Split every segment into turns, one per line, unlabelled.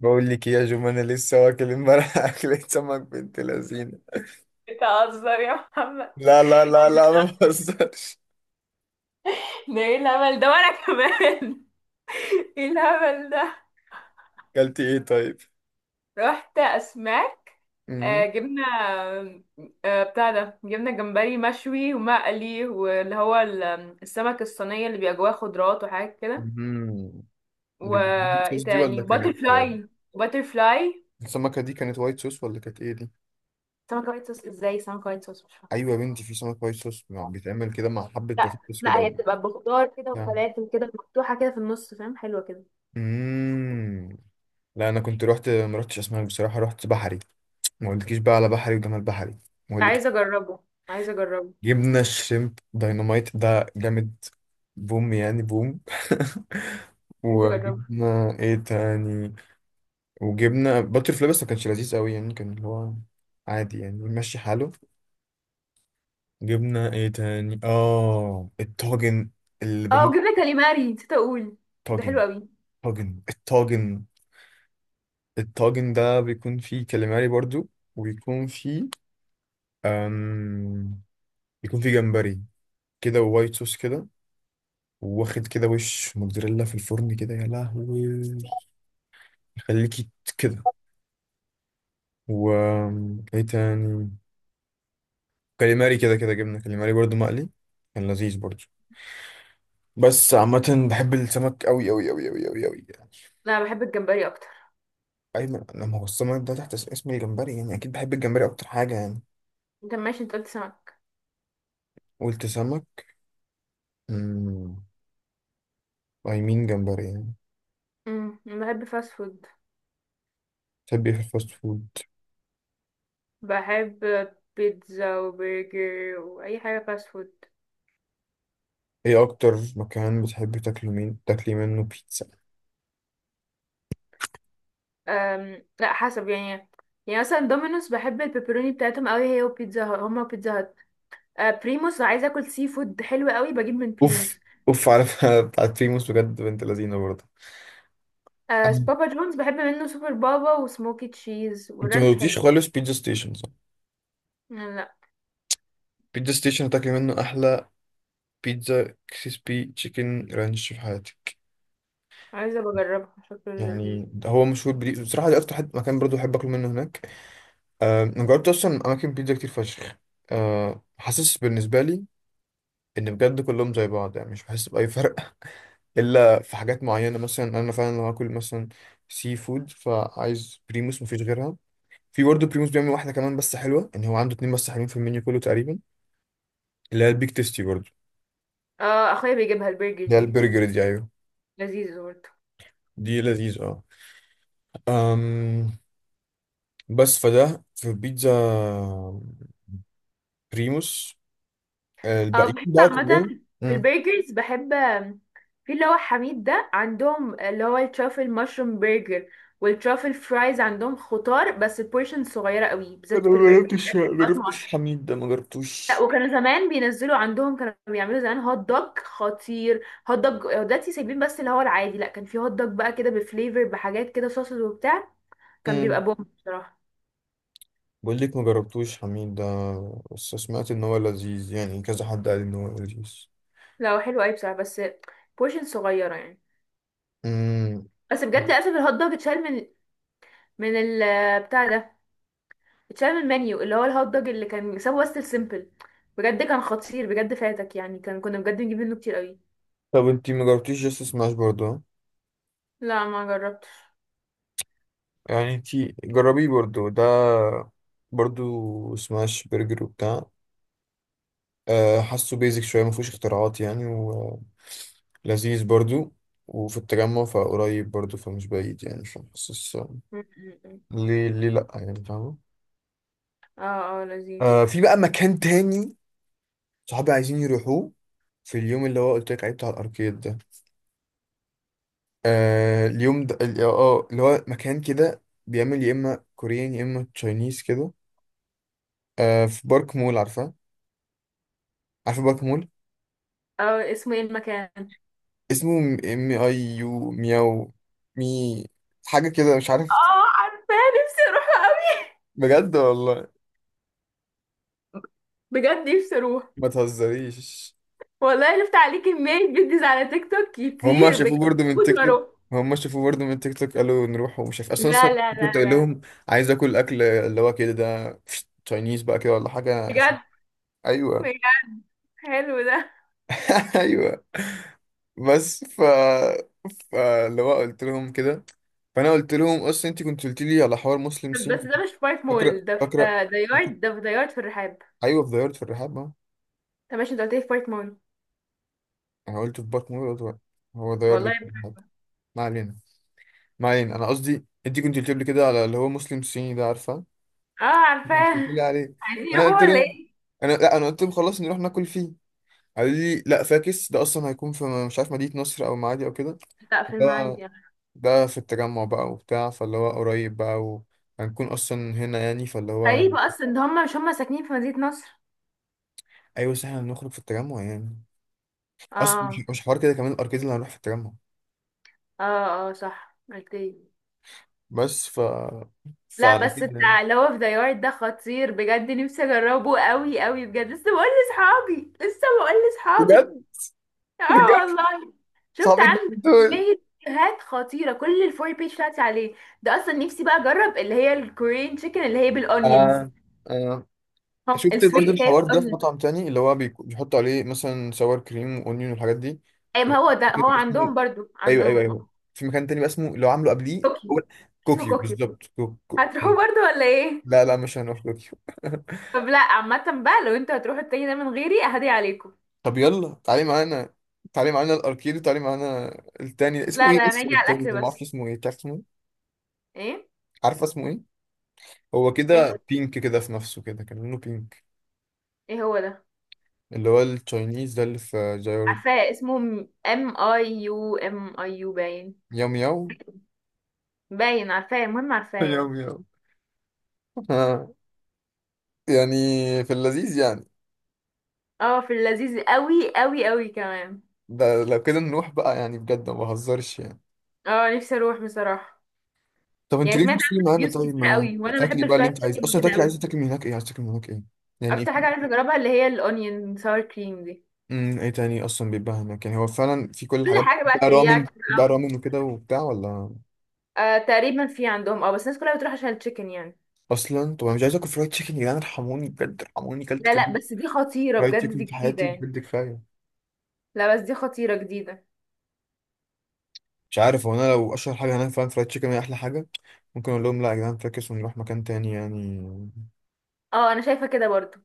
بقول لك إيه يا جم، انا لسه واكل امبارح اكلة سمك بنت لذينه.
بتهزر يا محمد؟
لا لا لا لا، ما بهزرش.
ده ايه الهبل ده وانا كمان. ايه الهبل ده؟
اكلت ايه طيب؟
رحت اسماك. آه،
امم
جبنا آه، بتاع ده، جبنا جمبري مشوي ومقلي، واللي هو السمك الصينية اللي بيبقى جواه خضروات وحاجات كده.
امم دي بالوايت
وايه
صوص دي ولا
تاني؟ باتر
كانت
فلاي باتر فلاي.
السمكه دي كانت وايت صوص ولا كانت ايه دي؟
سمكة وايت صوص ازاي؟ سمكة وايت صوص مش فاهمة.
ايوه يا بنتي، في سمك وايت صوص بيتعمل كده مع حبه
لا
بطاطس كده
لا،
او
هي بتبقى بخضار كده
يعني.
وفلافل كده، مفتوحة كده في النص، فاهم، حلوة كده.
امم لا، انا كنت رحت، ما رحتش اسماك بصراحه، رحت بحري. ما قلتلكيش بقى على بحري وجمال بحري؟ ما
عايزة
قلتلك.
اجربه عايزة اجربه
جبنا شريمب دايناميت ده جامد، بوم يعني بوم.
عايزة اجربه.
وجبنا ايه تاني؟ وجبنا باتر فلاي بس ما كانش لذيذ قوي يعني، كان اللي هو عادي يعني، ماشي حاله. جبنا ايه تاني؟ اه الطاجن اللي
اه،
بموت.
وجبنة كاليماري نسيت اقول، ده
طاجن
حلو قوي.
طاجن الطاجن الطاجن ده بيكون فيه كاليماري برضو، وبيكون فيه أم... بيكون فيه جمبري كده، ووايت صوص كده، واخد كده وش موتزاريلا في الفرن كده، يا لهوي، يخليكي كده. و ايه تاني؟ كاليماري كده كده، جبنه كاليماري برضو مقلي، كان لذيذ برضو. بس عامة بحب السمك أوي أوي أوي أوي أوي أوي يعني.
لا، بحب الجمبري اكتر.
أيمن لما هو السمك ده تحت اسم الجمبري، يعني أكيد بحب الجمبري أكتر حاجة يعني.
انت ماشي، انت قلت سمك.
قلت سمك. أمم أي مين جمبري يعني.
امم، بحب فاست فود.
تحب إيه في الفاست فود؟
بحب بيتزا وبرجر واي حاجه فاست فود.
إيه أكتر مكان بتحبي تاكلي، مين تاكلي منه بيتزا؟
لا، حسب يعني. يعني مثلا دومينوس بحب البيبروني بتاعتهم قوي، هي وبيتزا هات، هما وبيتزا هات. أه، بريموس لو عايزه اكل سي فود حلو قوي بجيب من
أوف،
بريموس.
أوف على بتاعت بريموس، بجد بنت لذينة برضه.
أه،
أم.
بابا جونز بحب منه سوبر بابا وسموكي تشيز،
أنت ما
والرانش
قلتيش
حلو.
خالص بيتزا ستيشن، صح؟
لا.
بيتزا ستيشن هتاكلي منه أحلى بيتزا، كريسبي تشيكن رانش في حياتك.
عايزه بجربها، شكله لذيذ.
يعني هو مشهور بدي بصراحة، دي أكتر حد مكان برضو بحب آكل منه هناك. أنا جربت أصلا أماكن بيتزا كتير فشخ، حاسس بالنسبة لي إن بجد كلهم زي بعض يعني، مش بحس بأي فرق. إلا في حاجات معينة، مثلا أنا فعلا لو هاكل مثلا سي فود، فعايز بريموس مفيش غيرها. في برضه بريموس بيعمل واحدة كمان بس حلوة، إن هو عنده اتنين بس حلوين في المنيو كله تقريبا، اللي هي البيك تيستي برضه.
اه، اخويا بيجيبها البرجر
اللي هي
دي.
البرجر دي، أيوه.
لذيذ برضه.
دي لذيذة. أه أم، بس فده في بيتزا بريموس،
اه،
الباقيين
بحب
بقى
عامة.
كلهم.
في
مم.
البرجرز بحب في اللي هو حميد ده، عندهم اللي هو الترافل مشروم برجر والترافل فرايز. عندهم خضار بس، بورشن صغيرة قوي بالذات
انا
في
ما
البرجر،
جربتش،
يعني
ما
طبقات معينة.
جربتش حميد ده، ما
لا
جربتوش.
وكانوا زمان بينزلوا عندهم، كانوا بيعملوا زمان هوت دوج خطير. هوت دوج، آه، دلوقتي سايبين بس اللي هو العادي. لا، كان في هوت دوج بقى كده بفليفر، بحاجات كده، صوصز وبتاع، كان
مم.
بيبقى بوم بصراحة.
بقول لك ما جربتوش حميد ده، بس سمعت ان هو لذيذ يعني، كذا حد قال ان هو لذيذ.
لا هو حلو قوي بصراحة، بس بورشن صغيرة يعني.
امم
بس بجد، للاسف، الهوت دوج اتشال من بتاع ده، اتشال من المنيو، اللي هو الهوت دوج اللي كان سابه بس السيمبل. بجد كان خطير، بجد فاتك يعني، كان كنا بجد بنجيب منه كتير قوي.
طب انتي ما جربتيش جاست سماش برضه، ها؟
لا ما جربتش.
يعني انتي جربيه برضه ده، برضه سماش برجر وبتاع. أه حاسه بيزك شويه، ما فيهوش اختراعات يعني، ولذيذ برضه، وفي التجمع فقريب برضه، فمش بعيد يعني، فحاسس
م- م- م.
ليه ليه لأ يعني، فاهمة؟
اه اه، لذيذ.
آه في بقى مكان تاني، صحابي عايزين يروحوه، في اليوم اللي هو قلت لك عليه بتاع الأركيد ده. آه اليوم ده ال- اه آه، اللي هو مكان كده بيعمل يا إما كوريان يا إما تشاينيز كده. آه في بارك مول، عارفة؟ عارفة بارك مول؟
اه، اسمه ايه المكان؟
اسمه ام اي يو مياو مي، حاجة كده مش عارف.
اه، عارفاه. نفسي اروح قوي.
بجد والله.
بجد نفسي اروح.
ما تهزريش.
والله لفت عليه كمية فيديوز على تيك توك
هم
كتير،
شافوه
بجد
برضه من
موت
تيك توك؟
واروح.
هم شافوه برضه من تيك توك، قالوا نروح ومش عارف اصلا اصلا.
لا لا لا
كنت قايل
لا.
لهم عايز اكل اكل اللي هو كده ده، تشاينيز بقى كده ولا حاجه عشان.
بجد.
ايوه.
بجد. حلو ده.
ايوه. بس ف فاللي هو قلت لهم كده، فانا قلت لهم اصلا انت كنت قلت لي على حوار مسلم
طب بس
صيني.
ده مش في بايت
فاكره
مول، ده في
فاكره.
ده يارد. ده في ده يارد في الرحاب.
ايوه في دايرة في الرحاب اه.
طب ماشي، انت قلت لي في بايت مول.
انا قلت في بارك مول، قلت بقى، هو دايرة دي
والله.
في الرحاب. ما علينا، ما علينا، انا قصدي انت كنت قلت لي كده على اللي هو مسلم صيني ده، عارفه؟
اه،
انت
عارفاه.
بتقولي عليه.
عايزين
انا
يروحوا
قلت
ولا
له،
ايه؟
انا لا انا قلت لهم خلاص نروح ناكل فيه. قالوا لي لا فاكس، ده اصلا هيكون في مش عارف مدينة نصر او معادي او كده.
لا في
ده
المعادي يعني.
ده في التجمع بقى وبتاع، فاللي هو قريب بقى، وهنكون اصلا هنا يعني، فاللي هو
غريبة اصلا، ده هم مش هم ساكنين في مدينة نصر.
ايوه، بس احنا هنخرج في التجمع يعني. اصلا مش
اه.
مش حوار كده كمان الاركيد اللي هنروح في التجمع.
اه اه صح، اوكي.
بس ف
لا
فعلى
بس
كده يعني.
بتاع اللي هو في ديار ده خطير بجد، نفسي اجربه قوي قوي بجد، لسه بقول لاصحابي.
بجد.
اه
بجد.
والله. شفت
صحابك
عنده
دول.
كمية فيديوهات خطيرة، كل الفور بيج بتاعتي عليه. ده اصلا نفسي بقى اجرب اللي هي الكورين تشيكن اللي هي بالاونيونز.
آه. آه. شفت
السويت
برضه
اللي هي
الحوار ده في
بالاونيونز.
مطعم تاني، اللي هو بيحطوا عليه مثلا سوار كريم واونيون والحاجات دي.
اي
في
ما هو ده هو
مكان اسمه،
عندهم برضو،
ايوه ايوه
عندهم.
ايوه، في مكان تاني بقى اسمه، اللي هو عامله قبليه هو
طوكيو. اسمه
كوكيو
طوكيو.
بالظبط،
هتروحوا برضو ولا ايه؟
لا لا مش هنروح كوكيو.
طب لا، عامة بقى، لو انتوا هتروحوا التاني ده من غيري اهدي عليكم.
طب يلا تعالي معانا، تعالي معانا الاركيد وتعالي معانا التاني. اسمه
لا
ايه؟
لا،
اسمه
هنيجي على
التاني
الاكل
ده ما اعرفش
بس.
اسمه ايه، تعرف اسمه إيه؟
ايه؟
عارفه اسمه ايه؟ هو
ايه هو؟
كده بينك كده في نفسه كده، كان لونه بينك.
إيه هو ده؟
اللي هو التشاينيز ده اللي في جايورد.
عارفاه اسمه ام اي يو، ام اي يو باين.
ياو مياو.
باين، عارفاه، المهم عارفاه يعني.
ياو مياو يعني. في اللذيذ يعني.
اه، في اللذيذ قوي قوي قوي كمان.
ده لو كده نروح بقى يعني، بجد ما بهزرش يعني.
اه، نفسي اروح بصراحة.
طب انت
يعني
ليه
سمعت
بتشتري
عنه
معانا؟
ريفيوز
طيب
كتير
ما
قوي، وانا
تاكلي
بحب
بقى اللي
الفرايد
انت عايزه
تشيكن
اصلا
وكده
تاكلي،
قوي.
عايزه تاكلي من هناك ايه؟ عايزه تاكلي من هناك ايه؟ يعني
اكتر حاجة
في،
عايزة اجربها اللي هي الاونيون ساور كريم دي.
ايه تاني اصلا بيبقى هناك يعني؟ هو فعلا في كل
كل
الحاجات بقى،
حاجة
في
بقى،
بقى رامن،
ترياكي،
في بقى رامن وكده وبتاع ولا.
آه، تقريبا في عندهم. اه بس الناس كلها بتروح عشان التشيكن يعني.
اصلا طب انا مش عايز اكل فرايد تشيكن يا جدعان، ارحموني بجد، ارحموني، كلت
لا لا،
كميه
بس دي خطيرة
فرايد
بجد،
تشيكن
دي
في
جديدة
حياتي
يعني.
بجد، كفايه.
لا بس دي خطيرة جديدة.
مش عارف، هو انا لو اشهر حاجه هناك فعلا فرايد تشيكن هي احلى حاجه، ممكن اقول لهم لا يا جدعان فاكس ونروح مكان تاني يعني،
اه، انا شايفة كده برضو.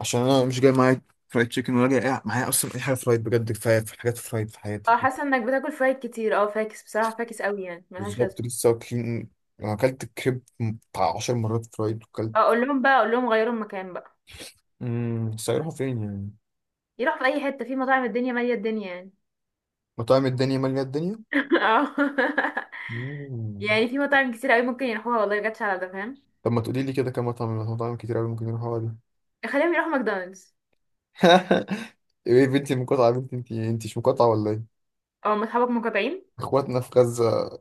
عشان انا مش جاي معايا فرايد تشيكن، ولا جاي معايا اصلا اي حاجه فرايد، بجد كفايه في حاجات فرايد في حياتي.
اه، حاسة انك بتاكل فايك كتير. اه فاكس بصراحة، فاكس قوي يعني ملهاش
بالظبط،
لازمة.
لسه واكلين، انا اكلت الكريب بتاع 10 مرات فرايد وكلت.
اه، اقول لهم بقى، اقول لهم غيروا المكان بقى.
بس هيروحوا فين يعني؟
يروحوا في اي حتة، في مطاعم الدنيا مالية الدنيا يعني.
مطاعم الدنيا ماليه الدنيا.
اه.
مم.
يعني في مطاعم كتير قوي ممكن يروحوها، والله جاتش على ده، فاهم.
طب ما تقولي لي كده كم مطعم؟ مطاعم كتير قوي ممكن يروحوا دي؟
خليهم يروحوا ماكدونالدز.
ايه بنتي مقاطعه يا بنتي؟ انت انت مش مقاطعه ولا ايه؟
اه، ما اصحابك مقاطعين.
اخواتنا في غزه،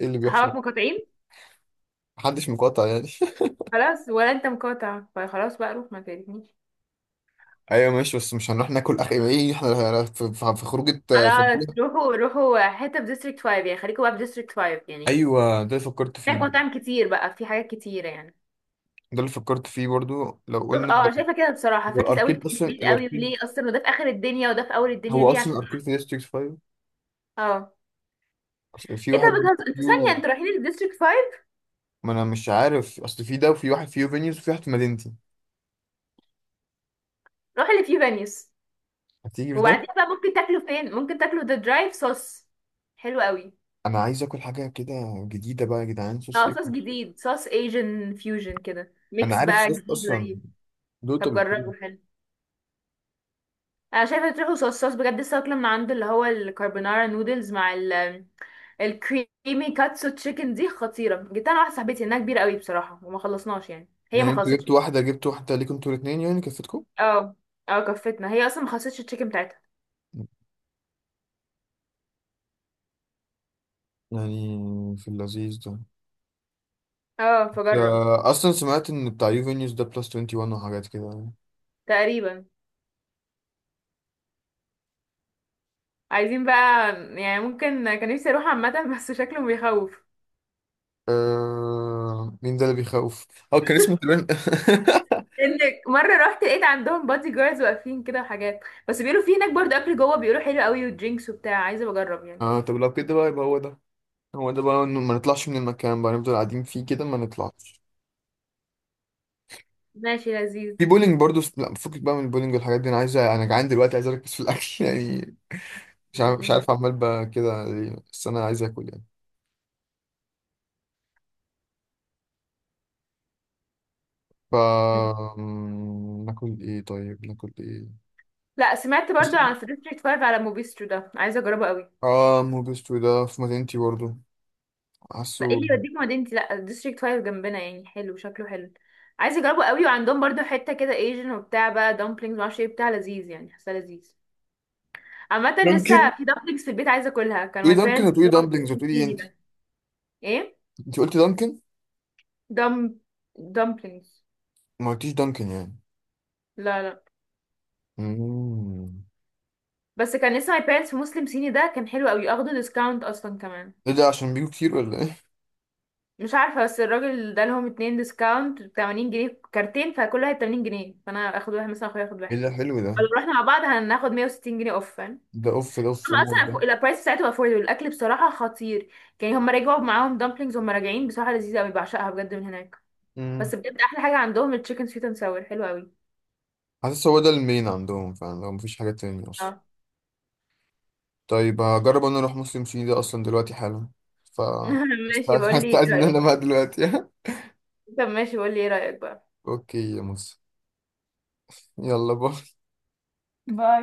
ايه اللي بيحصل؟
اصحابك مقاطعين.
محدش مقاطع يعني.
خلاص ولا انت مقاطع، فخلاص بقى، روح ما تقرفنيش.
ايوه ماشي، بس مش هنروح ناكل، اخ ايه احنا في في خروجه.
خلاص روحوا، روحوا حتة في ديستريكت 5 يعني، خليكوا بقى في ديستريكت 5 يعني.
ايوه ده اللي فكرت فيه
هناك
برضه.
مطاعم كتير بقى، في حاجات كتيرة يعني.
ده اللي فكرت فيه برضو لو
روح
قلنا.
اه، انا شايفة كده بصراحة،
هو
فاكس قوي
الاركيد اصلا
التحديد قوي، وليه
الاركيد،
اصلا، وده في اخر الدنيا وده في اول الدنيا،
هو
ليه؟
اصلا
عشان
الاركيد في ديستريكت 5.
اه.
أصل في
انت
واحد
بتهزر، انتوا ثانية
فيو،
انتوا رايحين الديستريكت 5؟
ما انا مش عارف، اصل في ده وفي واحد فيو فينيوز وفي واحد في مدينتي.
روحوا اللي فيه فانيوس.
هتيجي في
وبعدين
ده.
بقى ممكن تاكلوا فين؟ ممكن تاكلوا ذا درايف صوص، حلو قوي.
انا عايز اكل حاجه كده جديده بقى يا جدعان، صوص
اه،
ايه؟
صوص جديد، صوص ايجن فيوجن كده،
انا
ميكس
عارف
بقى
صوص
جديد
اصلا،
غريب.
دوتو
طب
بالفول.
جربوا، حلو. انا شايفه تروحوا صوصات بجد. السمك لما عنده اللي هو الكاربونارا نودلز مع ال الكريمي كاتسو تشيكن دي خطيره. جبت انا واحده صاحبتي، انها كبيره قوي بصراحه وما خلصناش يعني، هي
يعني
ما
انتوا
خلصتش.
جبتوا واحده؟ جبتوا واحده ليكوا انتوا الاثنين يعني؟ كفتكم
اه. اه، كفتنا، هي اصلا ما خلصتش التشيكن بتاعتها.
يعني؟ في اللذيذ ده.
اه
بس،
فجرب.
آه، اصلا سمعت ان بتاع يوفينيوس ده بلس 21 وحاجات كده.
تقريبا. عايزين بقى. يعني ممكن، كان نفسي اروح عامه، بس شكله بيخوف.
مين ده اللي بيخوف؟ اه كان اسمه تقريبا.
انك مره رحت لقيت عندهم بادي جاردز واقفين كده وحاجات. بس بيقولوا في هناك برضه اكل جوه، بيقولوا حلو قوي ودرينكس وبتاع، عايزه بجرب يعني.
اه طب لو كده بقى يبقى هو ده، هو ده بقى، إنه ما نطلعش من المكان بقى، نفضل قاعدين فيه كده ما نطلعش.
ماشي لذيذ.
في بولينج برضو، لا فكك بقى من البولينج والحاجات دي، انا عايز، انا جعان دلوقتي، عايز اركز في الاكل. يعني مش عارف، مش
م-
عارف عمال بقى كده ليه، بس انا عايز اكل يعني. ف
م.
ناكل ايه طيب؟ ناكل ايه؟
لا، سمعت
بس
برضو عن في ديستريكت 5 على موبيسترو ده، عايزه اجربه قوي.
اه موبيستو ده في مدينتي برضو، حاسه.
لا، ايه اللي يوديك مدينتي؟ لا ديستريكت 5 جنبنا يعني، حلو، شكله حلو. عايزه اجربه قوي، وعندهم برضو حته كده ايجن وبتاع بقى، دامبلينجز، معرفش ايه بتاع، لذيذ يعني، حاسه لذيذ. عامه
ممكن
لسه في دامبلينجز في البيت، عايزه اكلها، كان
تقولي
ماي
دانكن
بيرنتس
وتقولي
اللي هو
دامبلينجز
في
وتقولي ايه
سيني
انت؟
ده. ايه.
انت قلتي دانكن،
دم، دامبلينجز.
ما قلتيش دانكن يعني.
لا لا.
مم.
بس كان لسه ماي بيرنتس في مسلم صيني ده، كان حلو قوي، اخده ديسكاونت اصلا كمان.
ايه ده عشان بيجوا كتير ولا ايه؟
مش عارفة، بس الراجل ده لهم اتنين ديسكاونت 80 جنيه كارتين، فكل واحد 80 جنيه، فانا اخد واحد مثلا، اخويا ياخد
ايه
واحد.
ده حلو
فلو
ده.
رحنا مع بعض هناخد 160 جنيه اوف، فاهم.
ده اوف ده، اوف
هما
مود ده.
اصلا البرايس بتاعتهم افوردبل، الاكل بصراحة خطير. يعني هما رجعوا معاهم دامبلينجز، هما راجعين بصراحة لذيذة قوي، بعشقها بجد من هناك. بس
مم.
بجد احلى حاجة عندهم التشيكن سويت اند ساور، حلو قوي.
حاسس هو ده المين عندهم فعلا، لو مفيش حاجة تاني
اه.
اصلا. طيب هجرب انا اروح مسلم سي ده اصلا دلوقتي حالا. ف
ماشي،
هستأذن،
بقول لي ايه
هستأذن انا
رأيك.
بقى دلوقتي.
طب ماشي، بقول لي ايه رأيك بقى.
اوكي يا مصر، يلا باي.
باي.